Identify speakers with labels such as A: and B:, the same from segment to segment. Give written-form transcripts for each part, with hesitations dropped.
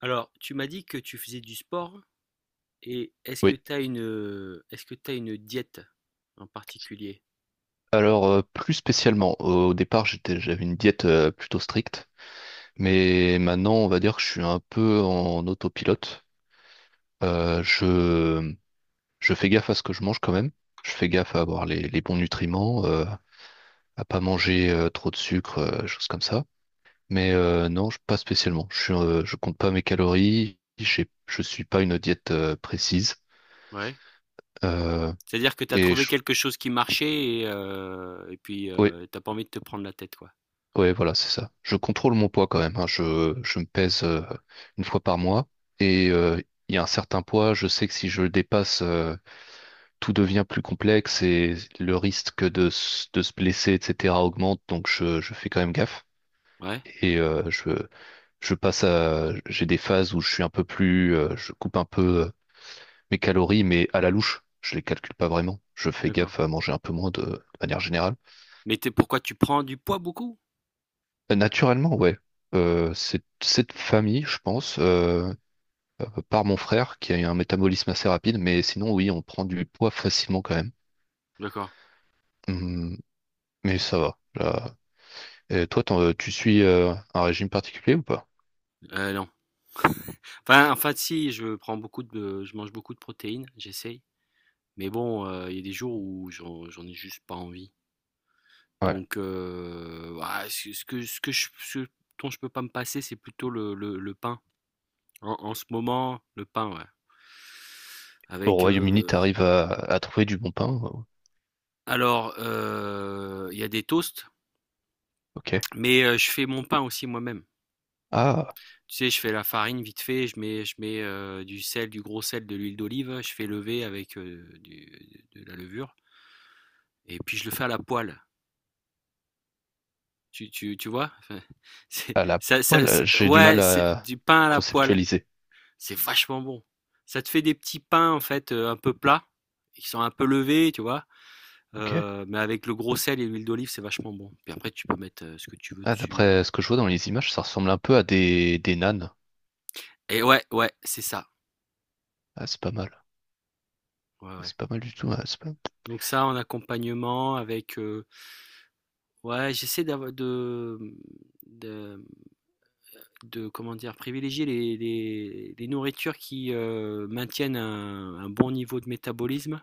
A: Alors, tu m'as dit que tu faisais du sport et est-ce que
B: Oui,
A: tu as une est-ce que tu une diète en particulier?
B: alors plus spécialement, au départ j'avais une diète plutôt stricte, mais maintenant on va dire que je suis un peu en autopilote. Euh, je, je fais gaffe à ce que je mange quand même, je fais gaffe à avoir les bons nutriments, à pas manger trop de sucre, choses comme ça. Mais non, pas spécialement. Je compte pas mes calories, je suis pas une diète précise.
A: Ouais.
B: Euh,
A: C'est-à-dire que tu as
B: et
A: trouvé
B: je,
A: quelque chose qui marchait et puis
B: oui.
A: t'as pas envie de te prendre la tête, quoi.
B: Ouais, voilà, c'est ça. Je contrôle mon poids quand même, hein. Je me pèse une fois par mois, et il y a un certain poids, je sais que si je le dépasse, tout devient plus complexe et le risque de se blesser, etc., augmente, donc je fais quand même gaffe.
A: Ouais,
B: Et euh, je, je passe à... j'ai des phases où je suis un peu plus... je coupe un peu euh, mes calories, mais à la louche. Je les calcule pas vraiment. Je fais
A: d'accord.
B: gaffe à manger un peu moins de manière générale.
A: Mais pourquoi tu prends du poids beaucoup?
B: Naturellement, ouais. C'est cette famille, je pense, par mon frère qui a eu un métabolisme assez rapide, mais sinon, oui, on prend du poids facilement quand même.
A: D'accord.
B: Hum, mais ça va là. Et toi, tu suis un régime particulier ou pas?
A: Non. Enfin, si, je mange beaucoup de protéines, j'essaye. Mais bon, il y a des jours où j'en ai juste pas envie.
B: Ouais.
A: Donc, ah, ce ce que je ce dont je peux pas me passer, c'est plutôt le pain. En ce moment, le pain, ouais.
B: Au
A: Avec,
B: Royaume-Uni, t'arrives à trouver du bon pain?
A: alors, il y a des toasts,
B: Ok.
A: mais je fais mon pain aussi moi-même.
B: Ah,
A: Tu sais, je fais la farine vite fait, je mets, du sel, du gros sel, de l'huile d'olive, je fais lever avec, du de la levure et puis je le fais à la poêle. Tu vois? Enfin, c'est,
B: à la
A: ça-
B: poêle, j'ai du
A: ouais,
B: mal
A: c'est
B: à
A: du pain à la poêle.
B: conceptualiser.
A: C'est vachement bon. Ça te fait des petits pains, en fait, un peu plats, qui sont un peu levés, tu vois.
B: Ok.
A: Mais avec le gros sel et l'huile d'olive, c'est vachement bon. Puis après, tu peux mettre ce que tu veux
B: Ah,
A: dessus.
B: d'après ce que je vois dans les images, ça ressemble un peu à des nanes.
A: Et ouais, ouais, c'est ça.
B: Ah, c'est pas mal.
A: Ouais, ouais.
B: C'est pas mal du tout, hein, c'est pas-
A: Donc ça, en accompagnement, avec, ouais, j'essaie d'avoir de, Comment dire? Privilégier les nourritures qui maintiennent un bon niveau de métabolisme,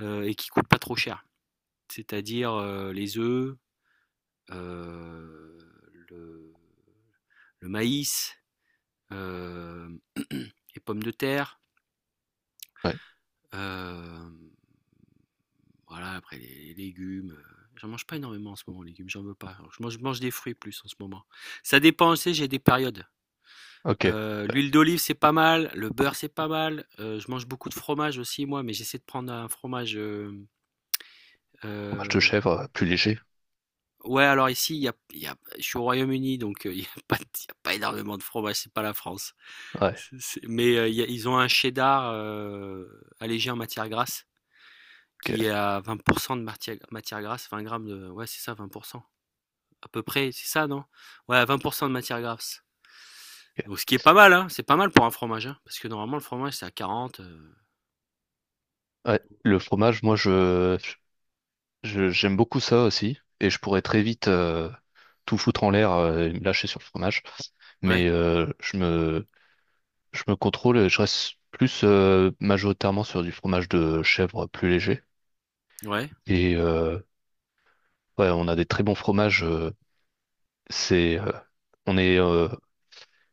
A: et qui ne coûtent pas trop cher. C'est-à-dire les œufs, euh, le, le maïs, euh, les pommes de terre,
B: Ouais,
A: euh, voilà, après les légumes. J'en mange pas énormément en ce moment, les légumes, j'en veux pas. Alors, je mange des fruits plus en ce moment. Ça dépend, tu sais, j'ai des périodes.
B: ok. Ouais.
A: L'huile d'olive, c'est pas mal, le beurre, c'est pas mal. Je mange beaucoup de fromage aussi, moi, mais j'essaie de prendre un fromage,
B: Fromage de
A: euh,
B: chèvre, plus léger.
A: ouais, alors ici, il y a je suis au Royaume-Uni, donc, il y a pas énormément de fromage, c'est pas la France.
B: Ouais,
A: C'est Mais, il y a ils ont un cheddar, allégé en matière grasse qui est
B: ok.
A: à 20 de matière grasse, 20 grammes de, ouais, c'est ça, 20 à peu près, c'est ça, non? Ouais, 20 de matière grasse.
B: Ok.
A: Donc ce qui est pas mal, hein, c'est pas mal pour un fromage, hein, parce que normalement le fromage c'est à 40,
B: Ouais, le fromage, moi, j'aime beaucoup ça aussi. Et je pourrais très vite tout foutre en l'air et me lâcher sur le fromage.
A: ouais,
B: Mais je me contrôle et je reste plus majoritairement sur du fromage de chèvre plus léger.
A: ouais,
B: Et ouais, on a des très bons fromages. C'est, euh, on est, euh,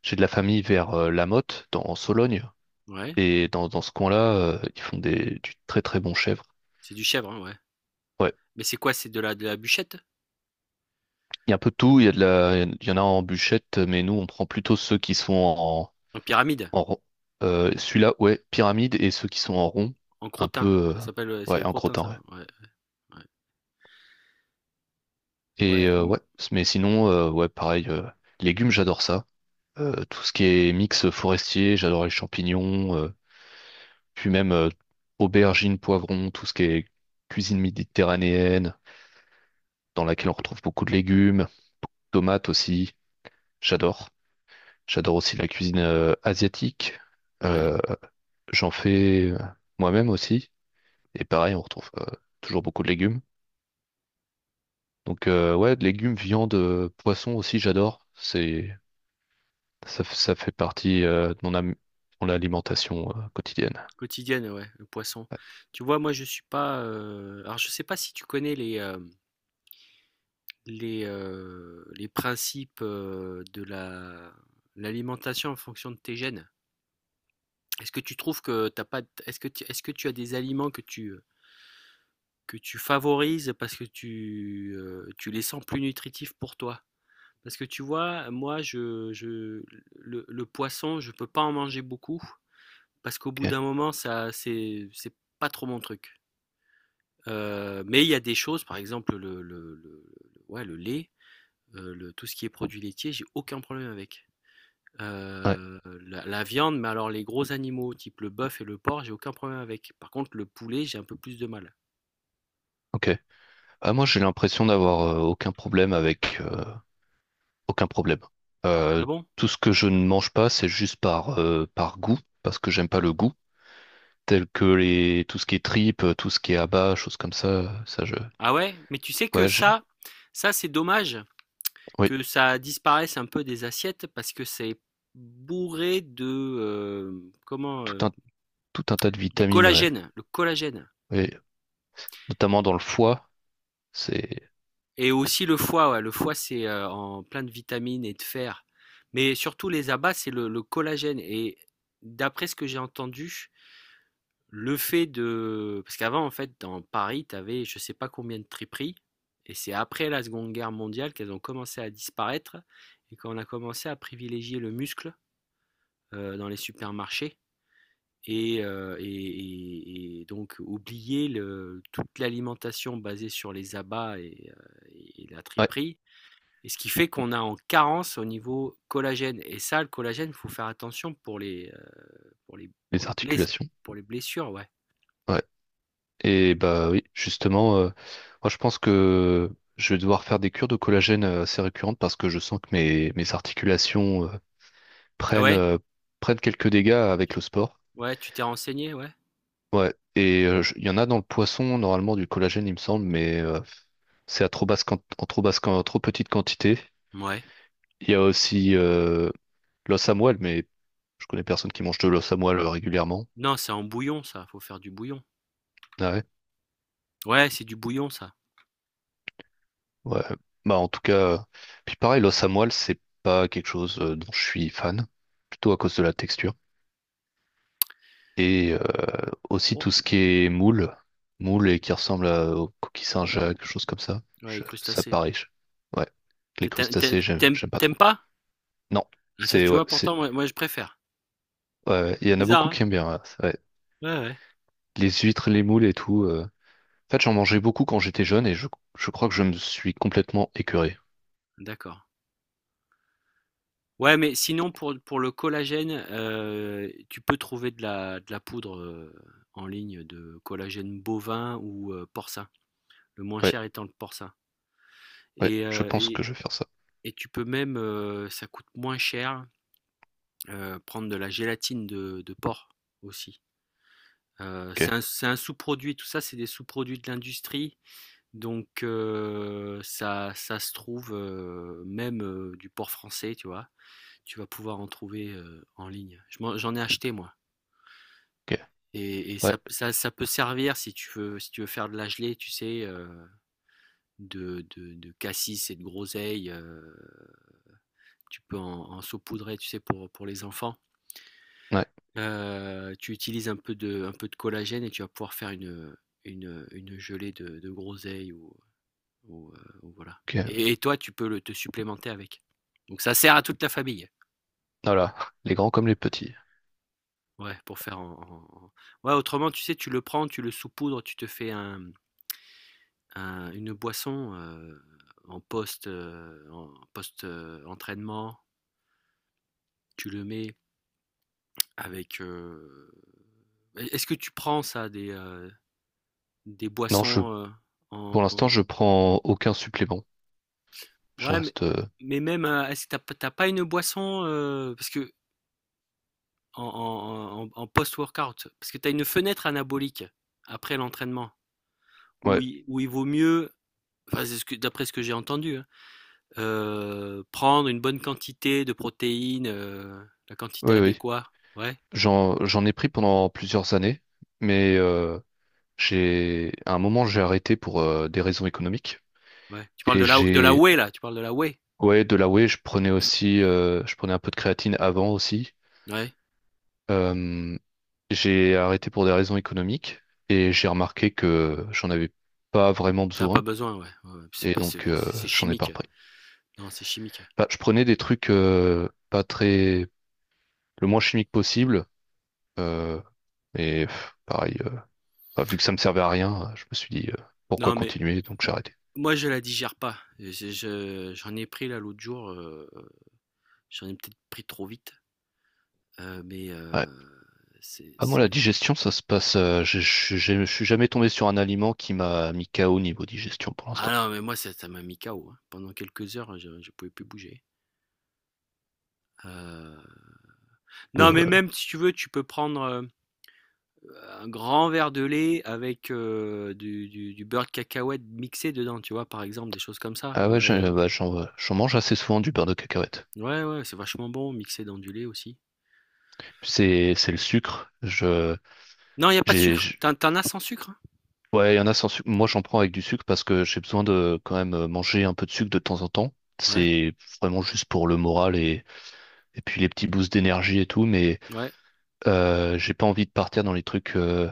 B: j'ai de la famille vers La Motte, en Sologne,
A: ouais,
B: et dans ce coin-là, ils font du très très bon chèvre.
A: c'est du chèvre, hein, ouais.
B: Ouais,
A: Mais c'est quoi? C'est de la bûchette?
B: il y a un peu de tout, il y en a en bûchette, mais nous on prend plutôt ceux qui sont en,
A: En pyramide?
B: en, rond. Celui-là, ouais, pyramide, et ceux qui sont en rond,
A: En
B: un
A: crottin?
B: peu,
A: Ça s'appelle,
B: euh,
A: c'est
B: ouais,
A: les
B: en
A: crottins
B: crottin,
A: ça?
B: ouais.
A: Ouais, ouais.
B: Et
A: Ouais, mmh,
B: ouais, mais sinon, ouais, pareil, légumes, j'adore ça. Tout ce qui est mix forestier, j'adore les champignons. Puis même aubergines, poivrons, tout ce qui est cuisine méditerranéenne, dans laquelle on retrouve beaucoup de légumes, tomates aussi, j'adore. J'adore aussi la cuisine asiatique.
A: ouais,
B: Euh, J'en fais moi-même aussi. Et pareil, on retrouve toujours beaucoup de légumes. Donc ouais, de légumes, viande, poisson aussi, j'adore. Ça fait partie de mon alimentation quotidienne.
A: quotidienne, ouais, le poisson.
B: Ouais.
A: Tu vois, moi, je suis pas, alors, je sais pas si tu connais les principes, de la l'alimentation en fonction de tes gènes. Est-ce que tu trouves que t'as pas. Est-ce que tu as des aliments que tu favorises parce que tu les sens plus nutritifs pour toi? Parce que tu vois, moi, je le poisson, je peux pas en manger beaucoup parce qu'au bout
B: Ok.
A: d'un moment, ça c'est pas trop mon truc. Mais il y a des choses, par exemple, le ouais, le lait, le tout ce qui est produits laitiers, j'ai aucun problème avec.
B: Ouais,
A: Heu, la viande, mais alors les gros animaux, type le bœuf et le porc, j'ai aucun problème avec. Par contre, le poulet, j'ai un peu plus de mal.
B: ok. Ah, moi, j'ai l'impression d'avoir aucun problème avec aucun problème. Euh,
A: Ah bon?
B: Tout ce que je ne mange pas, c'est juste par goût, parce que j'aime pas le goût, tels que les tout ce qui est tripes, tout ce qui est abats, choses comme ça.
A: Ah ouais? Mais tu sais que
B: Ouais,
A: ça, c'est dommage
B: oui,
A: que ça disparaisse un peu des assiettes parce que c'est bourré de, comment,
B: tout un tout un tas de
A: du
B: vitamines, ouais.
A: collagène, le collagène.
B: Oui, notamment dans le foie, c'est
A: Et aussi le foie, ouais. Le foie, c'est en plein de vitamines et de fer. Mais surtout les abats, c'est le collagène. Et d'après ce que j'ai entendu. Parce qu'avant, en fait, dans Paris, tu avais je sais pas combien de triperies. Et c'est après la Seconde Guerre mondiale qu'elles ont commencé à disparaître. Et qu'on a commencé à privilégier le muscle, dans les supermarchés. Et donc oublier toute l'alimentation basée sur les abats et la
B: ouais,
A: triperie et ce qui fait qu'on a en carence au niveau collagène. Et ça, le collagène, il faut faire attention pour les, pour les, pour
B: les
A: les, bless-
B: articulations,
A: pour les blessures, ouais. Ouais.
B: ouais. Et bah oui, justement, moi je pense que je vais devoir faire des cures de collagène assez récurrentes parce que je sens que mes articulations
A: Ah
B: prennent
A: ouais
B: euh, prennent quelques dégâts avec
A: tu,
B: le sport.
A: Ouais, tu t'es renseigné, ouais.
B: Ouais, il y en a dans le poisson, normalement, du collagène, il me semble, mais c'est à trop basse, quan- en trop petite quantité.
A: Ouais.
B: Il y a aussi l'os à moelle, mais je connais personne qui mange de l'os à moelle régulièrement.
A: Non, c'est en bouillon, ça. Faut faire du bouillon.
B: Ah ouais?
A: Ouais, c'est du bouillon, ça.
B: Ouais. Bah en tout cas, puis pareil, l'os à moelle, c'est pas quelque chose dont je suis fan, plutôt à cause de la texture. Et aussi tout
A: Oh,
B: ce qui est moule et qui ressemble aux coquilles Saint-Jacques, choses comme ça.
A: ouais, les
B: Ça
A: crustacés, hein.
B: pareil. Ouais. Les
A: T'a- t'a-
B: crustacés,
A: t'a-
B: j'aime,
A: T'aimes
B: j'aime pas trop.
A: t'aimes pas.
B: Non,
A: Ah, ça, tu vois, pourtant,
B: c'est
A: moi, moi, je préfère.
B: ouais, ouais. Il
A: C'est
B: y en a
A: bizarre,
B: beaucoup
A: hein.
B: qui aiment bien. Ouais. Ouais.
A: Ouais, ouais.
B: Les huîtres, les moules et tout. En fait, j'en mangeais beaucoup quand j'étais jeune et je crois que je me suis complètement écœuré.
A: D'accord. Ouais, mais sinon pour le collagène, tu peux trouver de la poudre, en ligne de collagène bovin ou, porcin. Le moins
B: Ouais,
A: cher étant le porcin
B: ouais,
A: et
B: je
A: heu
B: pense
A: et
B: que je vais faire ça.
A: et tu peux même, ça coûte moins cher, prendre de la gélatine de porc aussi.
B: Ok,
A: C'est un sous-produit, tout ça, c'est des sous-produits de l'industrie, donc, ça se trouve, même, du porc français, tu vois? Tu vas pouvoir en trouver, en ligne. Je m'en J'en ai acheté moi.
B: ok,
A: Et
B: ouais,
A: ça, peut servir si tu veux, si tu veux faire de la gelée, tu sais, de cassis et de groseille. Tu peux en saupoudrer, tu sais, pour les enfants.
B: ouais,
A: Tu utilises un peu de collagène et tu vas pouvoir faire une gelée de groseille ou voilà.
B: ok.
A: Et toi, tu peux te supplémenter avec. Donc ça sert à toute la famille.
B: Voilà, les grands comme les petits.
A: Ouais, pour faire Ouais, autrement, tu sais, tu le prends, tu le saupoudres, tu te fais un, une boisson, en post, entraînement, tu le mets avec, est ce que tu prends ça des
B: Non,
A: boissons,
B: pour
A: en
B: l'instant,
A: en
B: je prends aucun supplément. Je
A: ouais,
B: reste.
A: mais même, est-ce que t'as as p pas une boisson, parce que en post-workout, parce que tu as une fenêtre anabolique après l'entraînement
B: Ouais,
A: où il vaut mieux enfin, c'est ce que d'après ce que j'ai entendu, hein. Prendre une bonne quantité de protéines, la quantité
B: oui, oui.
A: adéquate. Ouais,
B: J'en ai pris pendant plusieurs années, mais à un moment, j'ai arrêté pour des raisons économiques.
A: ouais. Tu parles
B: Et
A: de la whey là? Tu parles de la whey?
B: ouais, de la whey, je prenais aussi, je prenais un peu de créatine avant aussi.
A: Ouais,
B: Euh, j'ai arrêté pour des raisons économiques et j'ai remarqué que j'en avais pas vraiment
A: t'as pas
B: besoin
A: besoin, ouais, ouais, ouais. C'est
B: et
A: pas,
B: donc
A: c'est c'est
B: j'en ai pas
A: chimique.
B: repris.
A: Non, c'est chimique.
B: Bah, je prenais des trucs pas très, le moins chimique possible euh, et pareil. Enfin, vu que ça me servait à rien, je me suis dit pourquoi
A: Non, mais
B: continuer, donc j'ai arrêté.
A: moi je la digère pas. Et je j'en ai pris là l'autre jour, j'en ai peut-être pris trop vite, mais,
B: Ouais. Ah, moi,
A: c'est
B: la digestion, ça se passe. Je suis jamais tombé sur un aliment qui m'a mis KO au niveau digestion pour
A: ah
B: l'instant.
A: non, mais moi ça m'a mis KO, hein. Pendant quelques heures, je pouvais plus bouger. Heu,
B: Peu,
A: non, mais
B: euh,
A: même si tu veux, tu peux prendre, un grand verre de lait avec du beurre de cacahuète mixé dedans, tu vois, par exemple, des choses comme ça.
B: Ah
A: Ouais,
B: ouais, bah, j'en mange assez souvent du beurre de cacahuète.
A: ouais, ouais, c'est vachement bon, mixé dans du lait aussi.
B: C'est le sucre.
A: Non, il n'y a pas de
B: J'ai
A: sucre.
B: j'-
A: T'en as sans sucre, hein?
B: ouais, il y en a sans sucre. Moi, j'en prends avec du sucre parce que j'ai besoin de quand même manger un peu de sucre de temps en temps.
A: Ouais,
B: C'est vraiment juste pour le moral, et puis les petits boosts d'énergie et tout, mais
A: ouais,
B: j'ai pas envie de partir dans les trucs,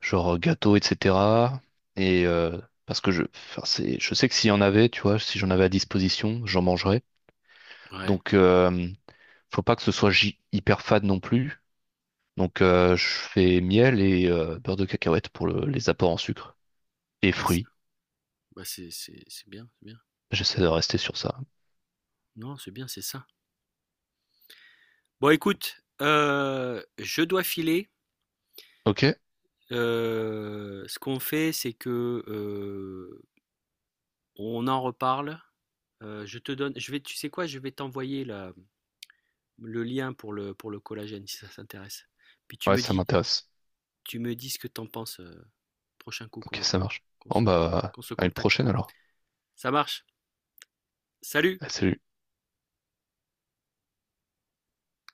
B: genre gâteau, etc. Et parce que enfin, je sais que s'il y en avait, tu vois, si j'en avais à disposition, j'en mangerais.
A: ouais.
B: Donc, faut pas que ce soit hyper fade non plus. Donc, je fais miel et beurre de cacahuète pour les apports en sucre et
A: Ouais,
B: fruits.
A: bah, c'est bien, c'est bien.
B: J'essaie de rester sur ça.
A: Non, c'est bien, c'est ça. Bon, écoute, je dois filer.
B: Ok?
A: Ce qu'on fait, c'est que, on en reparle. Je vais, tu sais quoi, je vais t'envoyer le lien pour le collagène, si ça s'intéresse. Puis
B: Ouais, ça m'intéresse.
A: tu me dis ce que t'en penses, prochain coup
B: Ok, ça marche.
A: qu'on
B: Bon,
A: se,
B: bah,
A: qu'on se
B: à une
A: contacte.
B: prochaine alors.
A: Ça marche. Salut!
B: Allez, salut.